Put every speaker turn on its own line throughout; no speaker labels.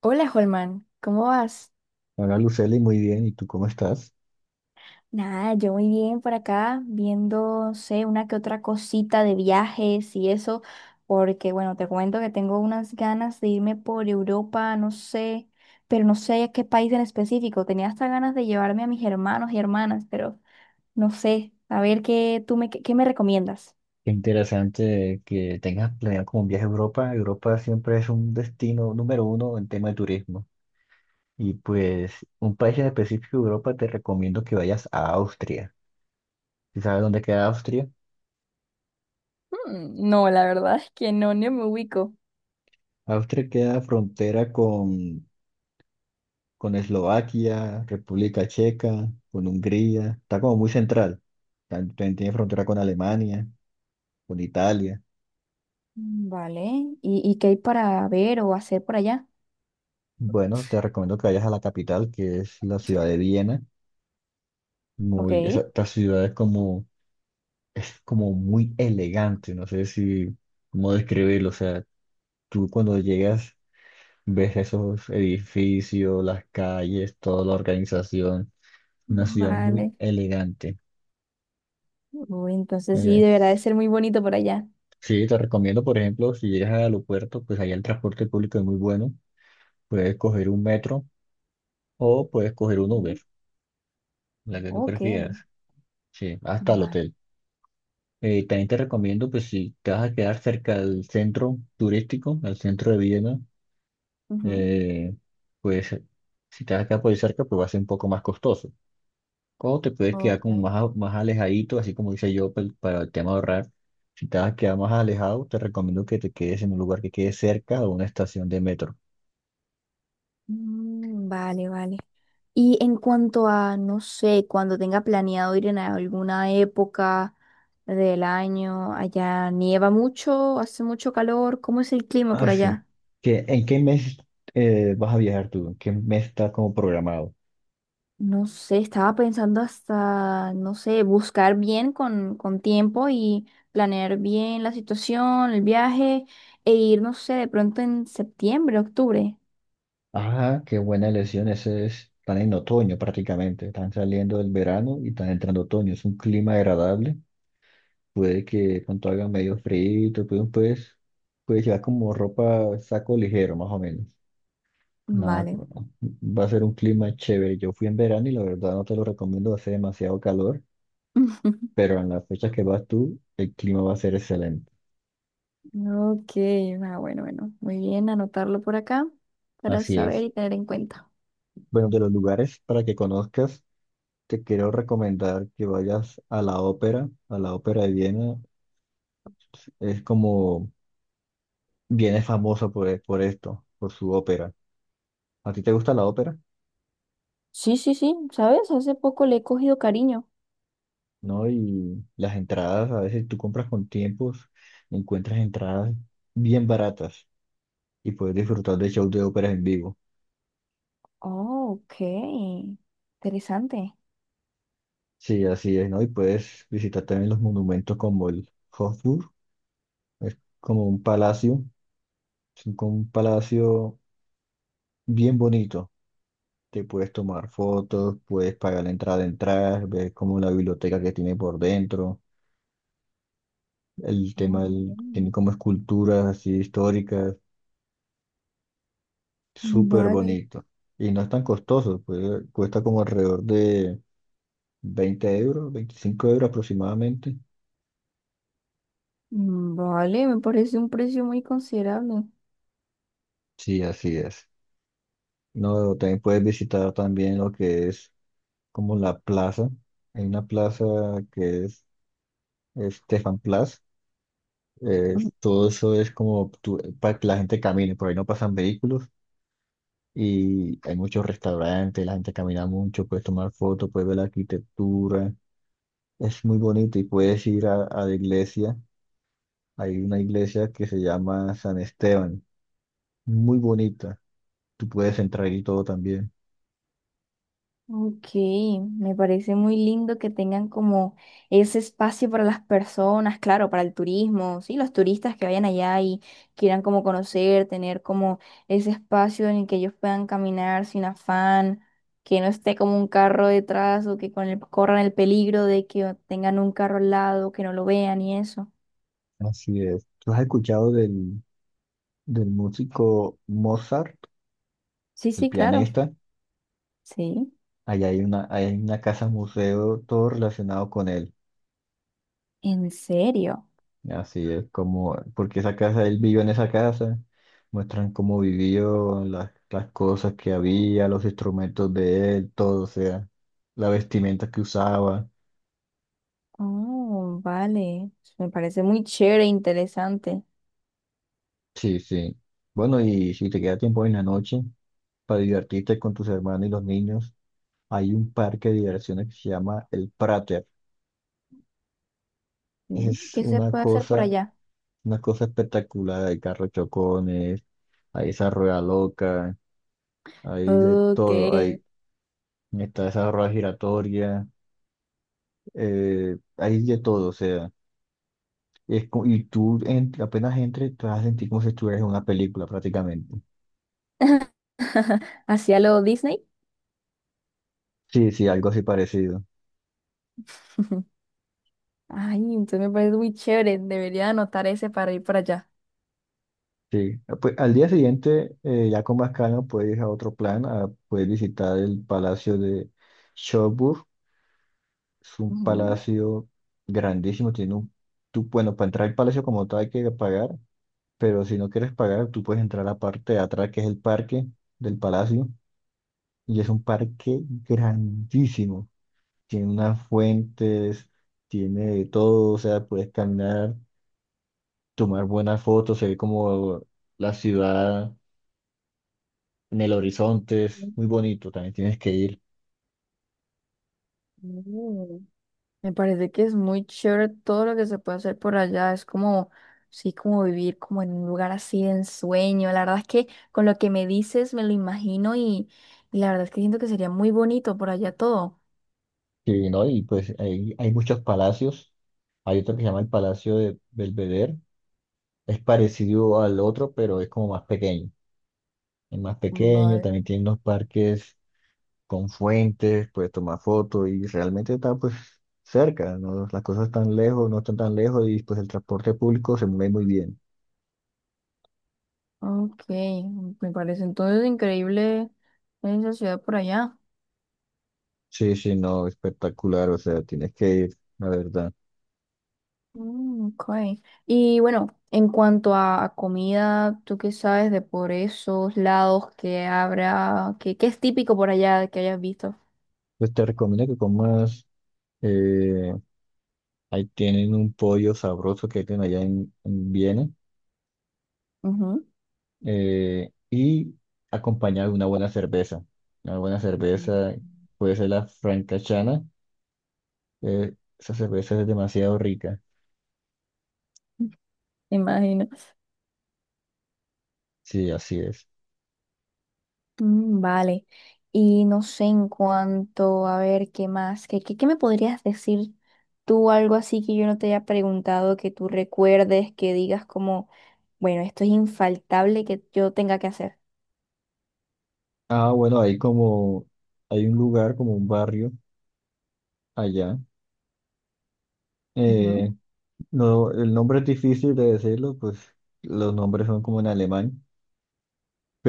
Hola, Holman, ¿cómo vas?
Hola Lucely, muy bien. ¿Y tú cómo estás?
Nada, yo muy bien por acá, viendo, no sé, una que otra cosita de viajes y eso, porque bueno, te cuento que tengo unas ganas de irme por Europa, no sé, pero no sé a qué país en específico. Tenía hasta ganas de llevarme a mis hermanos y hermanas, pero no sé, a ver qué tú me, qué me recomiendas.
Qué interesante que tengas planeado como un viaje a Europa. Europa siempre es un destino número uno en tema de turismo. Y pues un país en específico de Europa te recomiendo que vayas a Austria. ¿Sí sabes dónde queda Austria?
No, la verdad es que no, ni me ubico.
Austria queda frontera con Eslovaquia, República Checa, con Hungría. Está como muy central. También tiene frontera con Alemania, con Italia.
Vale, ¿y qué hay para ver o hacer por allá?
Bueno, te recomiendo que vayas a la capital, que es la ciudad de Viena muy, esa,
Ok.
esta ciudad es como muy elegante, no sé si, cómo describirlo, o sea, tú cuando llegas ves esos edificios, las calles, toda la organización, una ciudad muy
Vale.
elegante.
Uy, entonces sí,
Eh,
deberá de ser muy bonito por allá.
sí, te recomiendo, por ejemplo, si llegas al aeropuerto, pues allá el transporte público es muy bueno, puedes coger un metro o puedes coger un Uber,
Ujú.
la que tú
Ok,
prefieras, sí, hasta el
vale.
hotel. También te recomiendo, pues si te vas a quedar cerca del centro turístico, al centro de Viena,
Ujú.
eh, pues si te vas a quedar por ahí cerca, pues va a ser un poco más costoso. O te puedes quedar
Ok.
como más, más alejadito, así como dice yo, para el tema de ahorrar. Si te vas a quedar más alejado, te recomiendo que te quedes en un lugar que quede cerca de una estación de metro.
Mm, vale, vale. Y en cuanto a, no sé, cuando tenga planeado ir en alguna época del año, allá nieva mucho, hace mucho calor, ¿cómo es el clima
Ah,
por
sí.
allá?
¿En qué mes vas a viajar tú? ¿En qué mes está como programado?
No sé, estaba pensando hasta, no sé, buscar bien con tiempo y planear bien la situación, el viaje, e ir, no sé, de pronto en septiembre, octubre.
Ah, qué buena elección. Ese es, están en otoño prácticamente. Están saliendo del verano y están entrando otoño. Es un clima agradable. Puede que cuanto haga medio frío, pues, puedes llevar como ropa, saco ligero, más o menos. Nada,
Vale.
va a ser un clima chévere. Yo fui en verano y la verdad no te lo recomiendo, hace demasiado calor, pero en las fechas que vas tú, el clima va a ser excelente.
Ok, ah, bueno, muy bien, anotarlo por acá para
Así
saber
es.
y tener en cuenta.
Bueno, de los lugares para que conozcas, te quiero recomendar que vayas a la ópera de Viena. Es como, bien es famoso por, e, por esto, por su ópera. ¿A ti te gusta la ópera?
Sí, sí, sí, ¿sabes? Hace poco le he cogido cariño.
¿No? Y las entradas, a veces tú compras con tiempos, encuentras entradas bien baratas y puedes disfrutar de shows de óperas en vivo.
Oh, ok, interesante.
Sí, así es, ¿no? Y puedes visitar también los monumentos como el Hofburg, es como un palacio, como un palacio bien bonito. Te puedes tomar fotos, puedes pagar la entrada de entrar, ves como la biblioteca que tiene por dentro.
Ok.
Tiene como esculturas así históricas, súper
Vale.
bonito. Y no es tan costoso, pues cuesta como alrededor de 20 euros, 25 euros aproximadamente.
Mm, vale, me parece un precio muy considerable.
Sí, así es. No, también puedes visitar también lo que es como la plaza. Hay una plaza que es Stefan Plaza. Todo eso es como para que la gente camine, por ahí no pasan vehículos y hay muchos restaurantes, la gente camina mucho, puedes tomar fotos, puedes ver la arquitectura. Es muy bonito y puedes ir a la iglesia. Hay una iglesia que se llama San Esteban, muy bonita. Tú puedes entrar y todo también.
Ok, me parece muy lindo que tengan como ese espacio para las personas, claro, para el turismo, sí, los turistas que vayan allá y quieran como conocer, tener como ese espacio en el que ellos puedan caminar sin afán, que no esté como un carro detrás o que con el, corran el peligro de que tengan un carro al lado, que no lo vean y eso.
Así es. ¿Tú has escuchado del músico Mozart,
Sí,
el
sí, claro.
pianista?
Sí,
Allá hay hay una casa museo, todo relacionado con él.
en serio.
Así es como, porque esa casa, él vivió en esa casa, muestran cómo vivió, las cosas que había, los instrumentos de él, todo, o sea, la vestimenta que usaba.
Oh, vale. Me parece muy chévere e interesante.
Sí, sí. Bueno, y si te queda tiempo en la noche para divertirte con tus hermanos y los niños, hay un parque de diversiones que se llama el Prater.
Mm.
Es
¿Qué se puede hacer por allá?
una cosa espectacular. Hay carros chocones, hay esa rueda loca, hay de
Ok.
todo. Hay, está esa rueda giratoria, hay de todo. O sea, y apenas entres, te vas a sentir como si estuvieras en una película prácticamente.
¿Hacia lo Disney?
Sí, sí, algo así parecido.
Ay, entonces me parece muy chévere. Debería anotar ese para ir para allá.
Sí, ah, pues al día siguiente, ya con más calma, puedes ir a otro plan, a poder visitar el Palacio de Schönburg. Es un
Ujú.
palacio grandísimo, tiene un... Tú, bueno, para entrar al palacio como tal hay que pagar, pero si no quieres pagar, tú puedes entrar a la parte de atrás, que es el parque del palacio, y es un parque grandísimo. Tiene unas fuentes, tiene de todo, o sea, puedes caminar, tomar buenas fotos, se ve como la ciudad en el horizonte, es muy bonito, también tienes que ir.
Mm. Me parece que es muy chévere todo lo que se puede hacer por allá. Es como, sí, como vivir como en un lugar así de ensueño. La verdad es que con lo que me dices me lo imagino y la verdad es que siento que sería muy bonito por allá todo.
Sí, ¿no? Y pues hay muchos palacios. Hay otro que se llama el Palacio de Belvedere. Es parecido al otro, pero es como más pequeño. Es más pequeño,
Vale.
también tiene unos parques con fuentes, puedes tomar fotos y realmente está pues cerca, ¿no? Las cosas están lejos, no están tan lejos y pues el transporte público se mueve muy bien.
Ok, me parece entonces increíble esa ciudad por allá.
Sí, sí, no, espectacular, o sea, tienes que ir, la verdad.
Mm, okay. Y bueno, en cuanto a comida, ¿tú qué sabes de por esos lados que habrá, que es típico por allá que hayas visto?
Pues te recomiendo que comas eh, ahí tienen un pollo sabroso que tienen allá en Viena,
Ujú.
y acompañado de una buena cerveza. Una buena
Mm.
cerveza puede ser la francachana. Esa cerveza es demasiado rica.
Me imagino.
Sí, así es.
Mm, vale. Y no sé en cuanto a ver qué más, ¿qué me podrías decir tú algo así que yo no te haya preguntado, que tú recuerdes, que digas como, bueno, esto es infaltable que yo tenga que hacer?
Ah, bueno, hay como, hay un lugar, como un barrio allá.
Ujú.
eh, no, el nombre es difícil de decirlo, pues los nombres son como en alemán,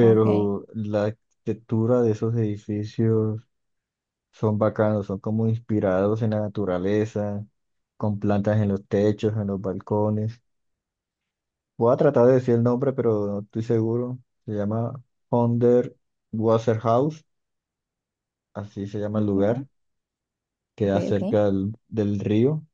Ok.
la arquitectura de esos edificios son bacanos, son como inspirados en la naturaleza, con plantas en los techos, en los balcones. Voy a tratar de decir el nombre, pero no estoy seguro. Se llama Honder Wasserhaus, así se llama el lugar.
Ujú. Ok,
Queda
ok.
cerca del río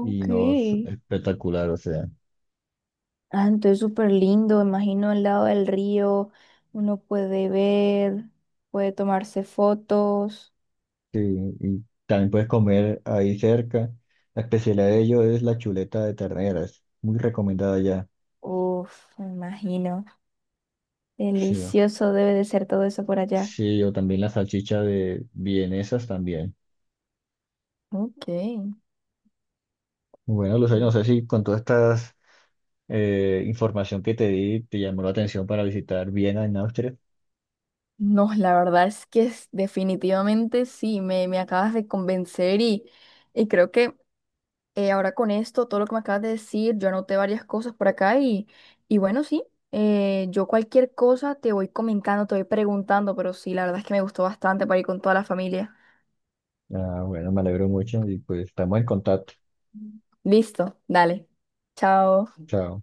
y
Ok.
no es espectacular, o sea.
Ah, entonces súper lindo, imagino al lado del río, uno puede ver, puede tomarse fotos.
Sí, y también puedes comer ahí cerca. La especialidad de ellos es la chuleta de ternera, es muy recomendada ya.
Uf, me imagino.
Sí,
Delicioso debe de ser todo eso por allá.
sí, o también la salchicha de vienesas también.
Ok.
Bueno, Lucía, no sé si con toda esta información que te di te llamó la atención para visitar Viena en Austria.
No, la verdad es que es- definitivamente sí, me acabas de convencer y creo que eh, ahora con esto, todo lo que me acabas de decir, yo anoté varias cosas por acá y bueno, sí, yo cualquier cosa te voy comentando, te voy preguntando, pero sí, la verdad es que me gustó bastante para ir con toda la familia.
Ah, bueno, me alegro mucho y pues estamos en contacto.
Listo, dale. Chao.
Chao.